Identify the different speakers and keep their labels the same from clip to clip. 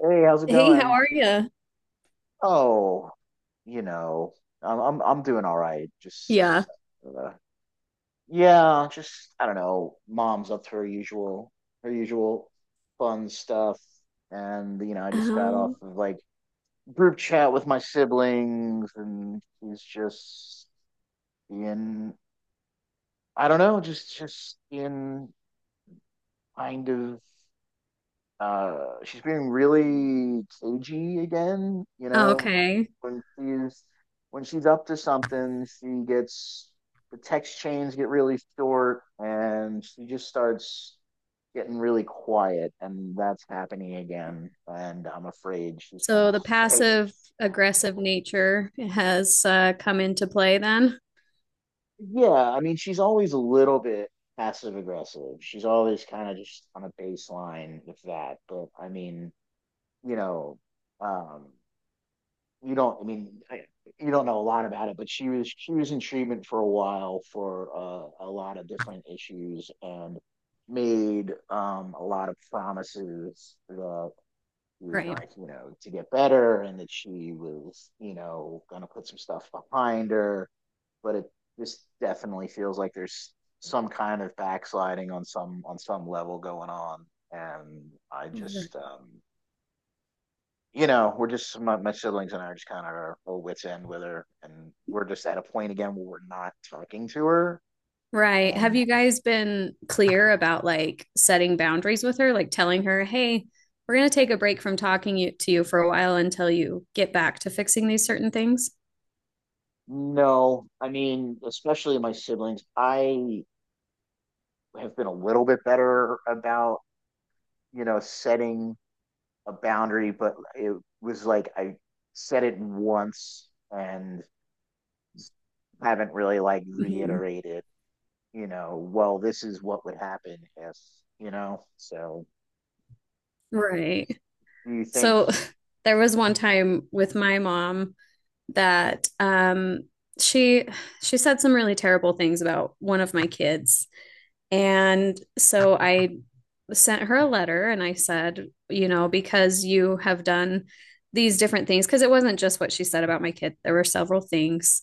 Speaker 1: Hey, how's it
Speaker 2: Hey, how
Speaker 1: going?
Speaker 2: are you?
Speaker 1: Oh, you know, I'm doing all right. Just
Speaker 2: Yeah.
Speaker 1: uh, yeah, just I don't know. Mom's up to her usual fun stuff, and you know, I just got off
Speaker 2: Oh,
Speaker 1: of like group chat with my siblings, and she's just in I don't know, just in kind of. She's being really cagey again, you know,
Speaker 2: okay.
Speaker 1: when she's when she's up to something, she gets the text chains get really short and she just starts getting really quiet and that's happening again and I'm afraid she's kind
Speaker 2: So the
Speaker 1: of.
Speaker 2: passive aggressive nature has come into play then.
Speaker 1: Yeah, I mean she's always a little bit passive aggressive. She's always kind of just on a baseline with that, but I mean, you know, um you don't. I mean, you don't know a lot about it, but she was in treatment for a while for a lot of different issues and made a lot of promises that she was
Speaker 2: Right.
Speaker 1: going, you know, to get better and that she was, you know, going to put some stuff behind her. But it just definitely feels like there's some kind of backsliding on some level going on, and I
Speaker 2: Mhm.
Speaker 1: just you know, we're just my siblings and I are just kind of our whole wits end with her, and we're just at a point again where we're not talking to her.
Speaker 2: Right. Have
Speaker 1: And
Speaker 2: you guys been clear about like setting boundaries with her, like telling her, "Hey, we're going to take a break from talking to you for a while until you get back to fixing these certain things?"
Speaker 1: no, I mean, especially my siblings, I have been a little bit better about, you know, setting a boundary, but it was like I said it once and haven't really like
Speaker 2: Mhm.
Speaker 1: reiterated. You know, well, this is what would happen if. So,
Speaker 2: Right.
Speaker 1: do you think?
Speaker 2: So there was one time with my mom that she she said some really terrible things about one of my kids and so I sent her a letter and I said, you know, because you have done these different things, because it wasn't just what she said about my kid, there were several things.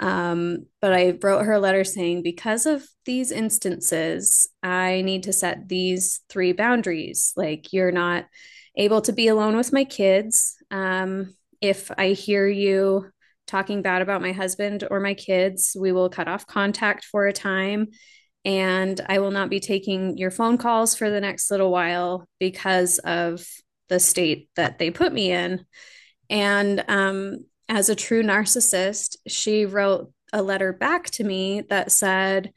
Speaker 2: But I wrote her a letter saying, because of these instances, I need to set these three boundaries. Like, you're not able to be alone with my kids. If I hear you talking bad about my husband or my kids, we will cut off contact for a time. And I will not be taking your phone calls for the next little while because of the state that they put me in. And as a true narcissist, she wrote a letter back to me that said,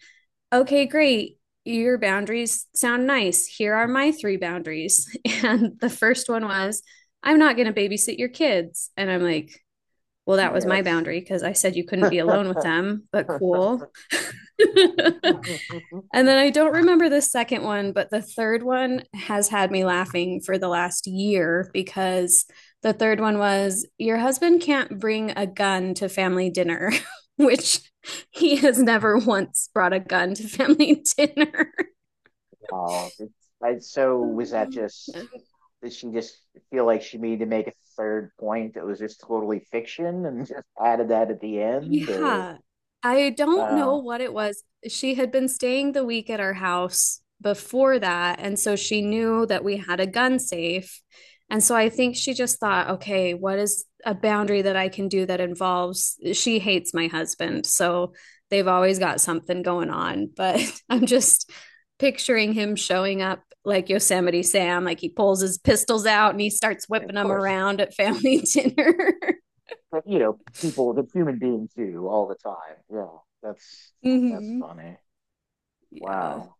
Speaker 2: "Okay, great. Your boundaries sound nice. Here are my three boundaries." And the first one was, "I'm not going to babysit your kids." And I'm like, well, that was
Speaker 1: Yeah,
Speaker 2: my
Speaker 1: that's.
Speaker 2: boundary because I said you couldn't be alone with them, but cool. And then I don't remember the second one, but the third one has had me laughing for the last year because the third one was your husband can't bring a gun to family dinner, which he has never once brought a gun to family dinner.
Speaker 1: Wow. So was that
Speaker 2: Yeah.
Speaker 1: just, did she just feel like she needed to make a third point that was just totally fiction and just added that at the end? Or,
Speaker 2: Yeah. I don't know
Speaker 1: wow.
Speaker 2: what it was. She had been staying the week at our house before that. And so she knew that we had a gun safe. And so I think she just thought, okay, what is a boundary that I can do that involves she hates my husband. So they've always got something going on. But I'm just picturing him showing up like Yosemite Sam, like he pulls his pistols out and he starts
Speaker 1: Yeah, of
Speaker 2: whipping them
Speaker 1: course.
Speaker 2: around at family dinner.
Speaker 1: But, you know, people, the human beings do all the time. Yeah, that's
Speaker 2: Mhm.
Speaker 1: funny.
Speaker 2: Yeah.
Speaker 1: Wow.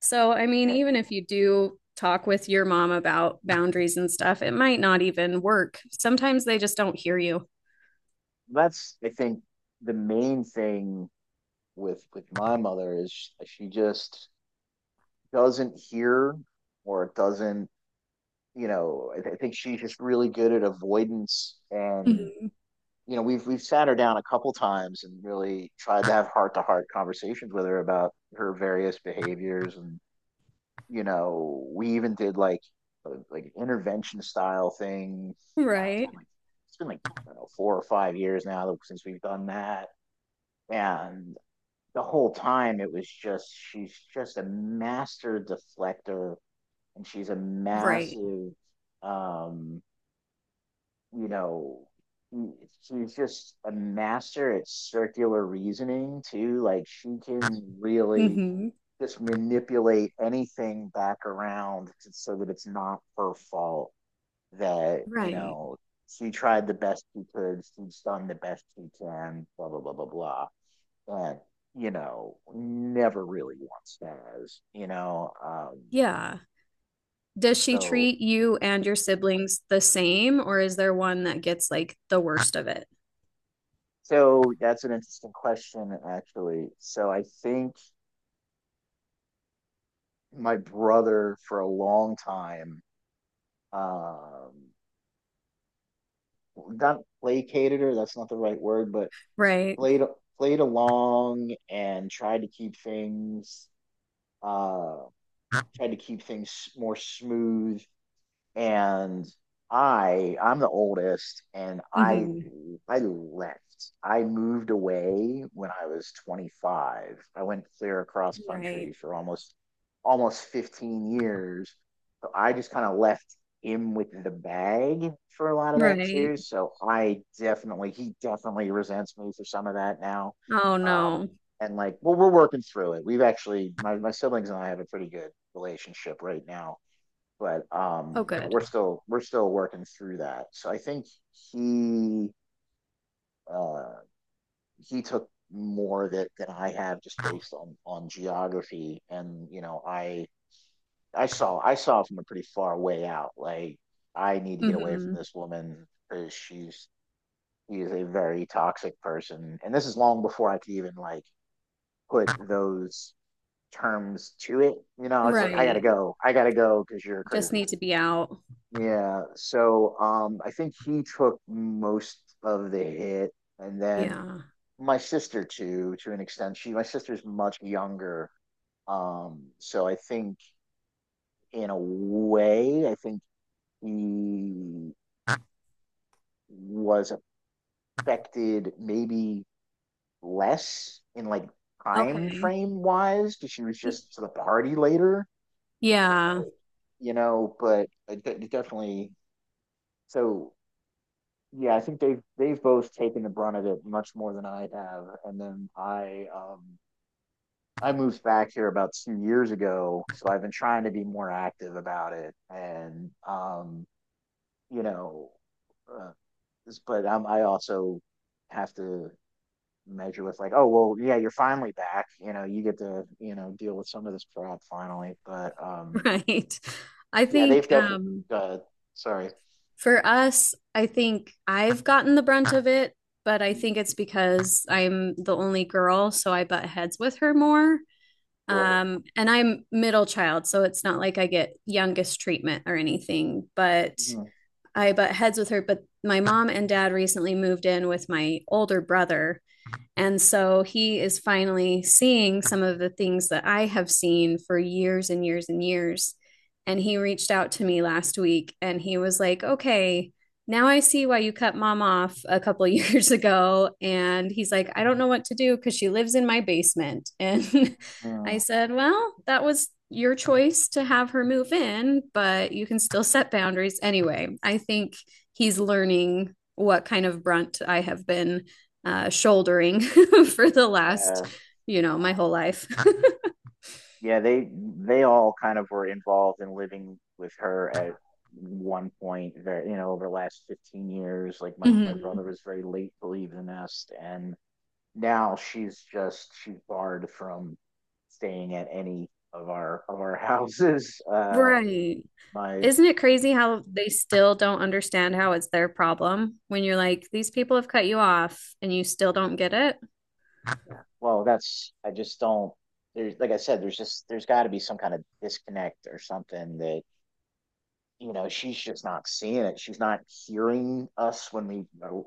Speaker 2: So, I mean,
Speaker 1: Yeah.
Speaker 2: even if you do talk with your mom about boundaries and stuff, it might not even work. Sometimes they just don't hear you.
Speaker 1: I think, the main thing with my mother is she just doesn't hear or doesn't, you know, I think she's just really good at avoidance. And
Speaker 2: Mhm.
Speaker 1: you know, we've sat her down a couple times and really tried to have heart to heart conversations with her about her various behaviors. And you know, we even did like intervention style thing. I don't know, it's
Speaker 2: Right.
Speaker 1: been like it's been like I don't know 4 or 5 years now since we've done that, and the whole time it was just she's just a master deflector, and she's a
Speaker 2: Right.
Speaker 1: massive um you know, she's just a master at circular reasoning too. Like she can really
Speaker 2: Hmm.
Speaker 1: just manipulate anything back around so that it's not her fault that, you
Speaker 2: Right.
Speaker 1: know, she tried the best she could, she's done the best she can, blah blah blah blah blah. And, you know, never really wants stars, you know.
Speaker 2: Yeah. Does she
Speaker 1: So
Speaker 2: treat you and your siblings the same, or is there one that gets like the worst of it?
Speaker 1: so that's an interesting question actually. So I think my brother for a long time. Um, Not placated her, that's not the right word, but
Speaker 2: Right.
Speaker 1: played played along and uh tried to keep things more smooth, and I'm the oldest and I
Speaker 2: Hmm.
Speaker 1: I left. I moved away when I was 25. I went clear across
Speaker 2: Right.
Speaker 1: country for almost 15 years. So I just kind of left him with the bag for a lot of that
Speaker 2: Right.
Speaker 1: too. So I definitely he definitely resents me for some of that now.
Speaker 2: Oh
Speaker 1: Um
Speaker 2: no.
Speaker 1: and like, well, we're working through it. My siblings and I have a pretty good relationship right now, but
Speaker 2: Oh,
Speaker 1: you know,
Speaker 2: good.
Speaker 1: we're still working through that. So I think he uh, he took more that than I have just based on geography, and you know, I saw from a pretty far way out. Like, I need to get away from
Speaker 2: Hmm.
Speaker 1: this woman because she's he is a very toxic person, and this is long before I could even like put those terms to it. You know, it's like
Speaker 2: Right.
Speaker 1: I gotta go because you're
Speaker 2: Just
Speaker 1: crazy.
Speaker 2: need to be out.
Speaker 1: Yeah, so I think he took most of the hit, and then
Speaker 2: Yeah.
Speaker 1: my sister too, to an extent. My sister's much younger, so I think in a way, I think he was affected maybe less in like time
Speaker 2: Okay.
Speaker 1: frame wise, because she was
Speaker 2: Y-
Speaker 1: just to the party later, and
Speaker 2: Yeah.
Speaker 1: like, you know, but it definitely so. Yeah, I think they've both taken the brunt of it much more than I have. And then I moved back here about 2 years ago, so I've been trying to be more active about it. And you know, uh, but I also have to measure with like, oh, well, yeah, you're finally back. You know, you get to, you know, deal with some of this crap finally. But
Speaker 2: Right. I
Speaker 1: yeah, they've
Speaker 2: think
Speaker 1: definitely. Uh, Sorry.
Speaker 2: for us, I think I've gotten the brunt of it, but I think it's because I'm the only girl, so I butt heads with her more.
Speaker 1: Sure.
Speaker 2: And I'm middle child, so it's not like I get youngest treatment or anything, but
Speaker 1: Mhm.
Speaker 2: I butt heads with her. But my mom and dad recently moved in with my older brother and so he is finally seeing some of the things that I have seen for years and years and years. And he reached out to me last week and he was like, okay, now I see why you cut mom off a couple of years ago. And he's like, I don't know what to do because she lives in my basement. And I
Speaker 1: Mhm.
Speaker 2: said, well, that was your choice to have her move in, but you can still set boundaries. Anyway, I think he's learning what kind of brunt I have been shouldering for the last,
Speaker 1: Yeah.
Speaker 2: you know, my whole life.
Speaker 1: Yeah, they all kind of were involved in living with her at one point. Very, you know, over the last 15 years, like my
Speaker 2: Mhm.
Speaker 1: brother was very late to leave the nest, and now she's barred from staying at any of our houses.
Speaker 2: Right.
Speaker 1: My
Speaker 2: Isn't it crazy how they still don't understand how it's their problem when you're like, these people have cut you off and you still don't get it?
Speaker 1: yeah, well, that's, I just don't. There's, like I said, there's got to be some kind of disconnect or something, that, you know, she's just not seeing it, she's not hearing us when we,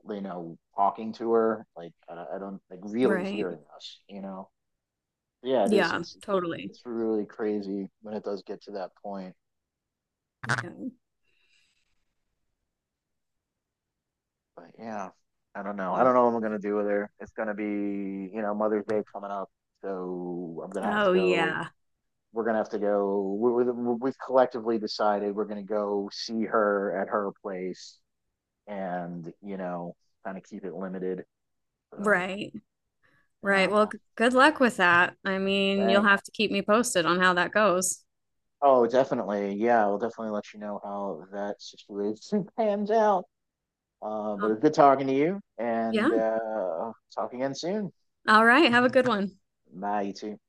Speaker 1: talking to her like, I don't like really
Speaker 2: Right.
Speaker 1: hearing us. Yeah, it is.
Speaker 2: Yeah,
Speaker 1: it's
Speaker 2: totally.
Speaker 1: it's really crazy when it does get to that point,
Speaker 2: Yeah.
Speaker 1: but yeah, i don't know i
Speaker 2: Mm.
Speaker 1: don't know what I'm gonna do with her. It's gonna be, you know, Mother's Day coming up, so I'm gonna have to
Speaker 2: Oh,
Speaker 1: go
Speaker 2: yeah.
Speaker 1: we're gonna have to go, we've collectively decided we're gonna go see her at her place and, you know, kind of keep it limited so.
Speaker 2: Right. Right.
Speaker 1: Yeah,
Speaker 2: Well, g- good luck with that. I mean, you'll
Speaker 1: dang.
Speaker 2: have to keep me posted on how that goes.
Speaker 1: Oh, definitely. Yeah, we'll definitely let you know how that situation pans out. Uh,
Speaker 2: Oh,
Speaker 1: but it's good talking to you,
Speaker 2: yeah.
Speaker 1: and talk again soon.
Speaker 2: All right. Have a good one.
Speaker 1: Bye, you two.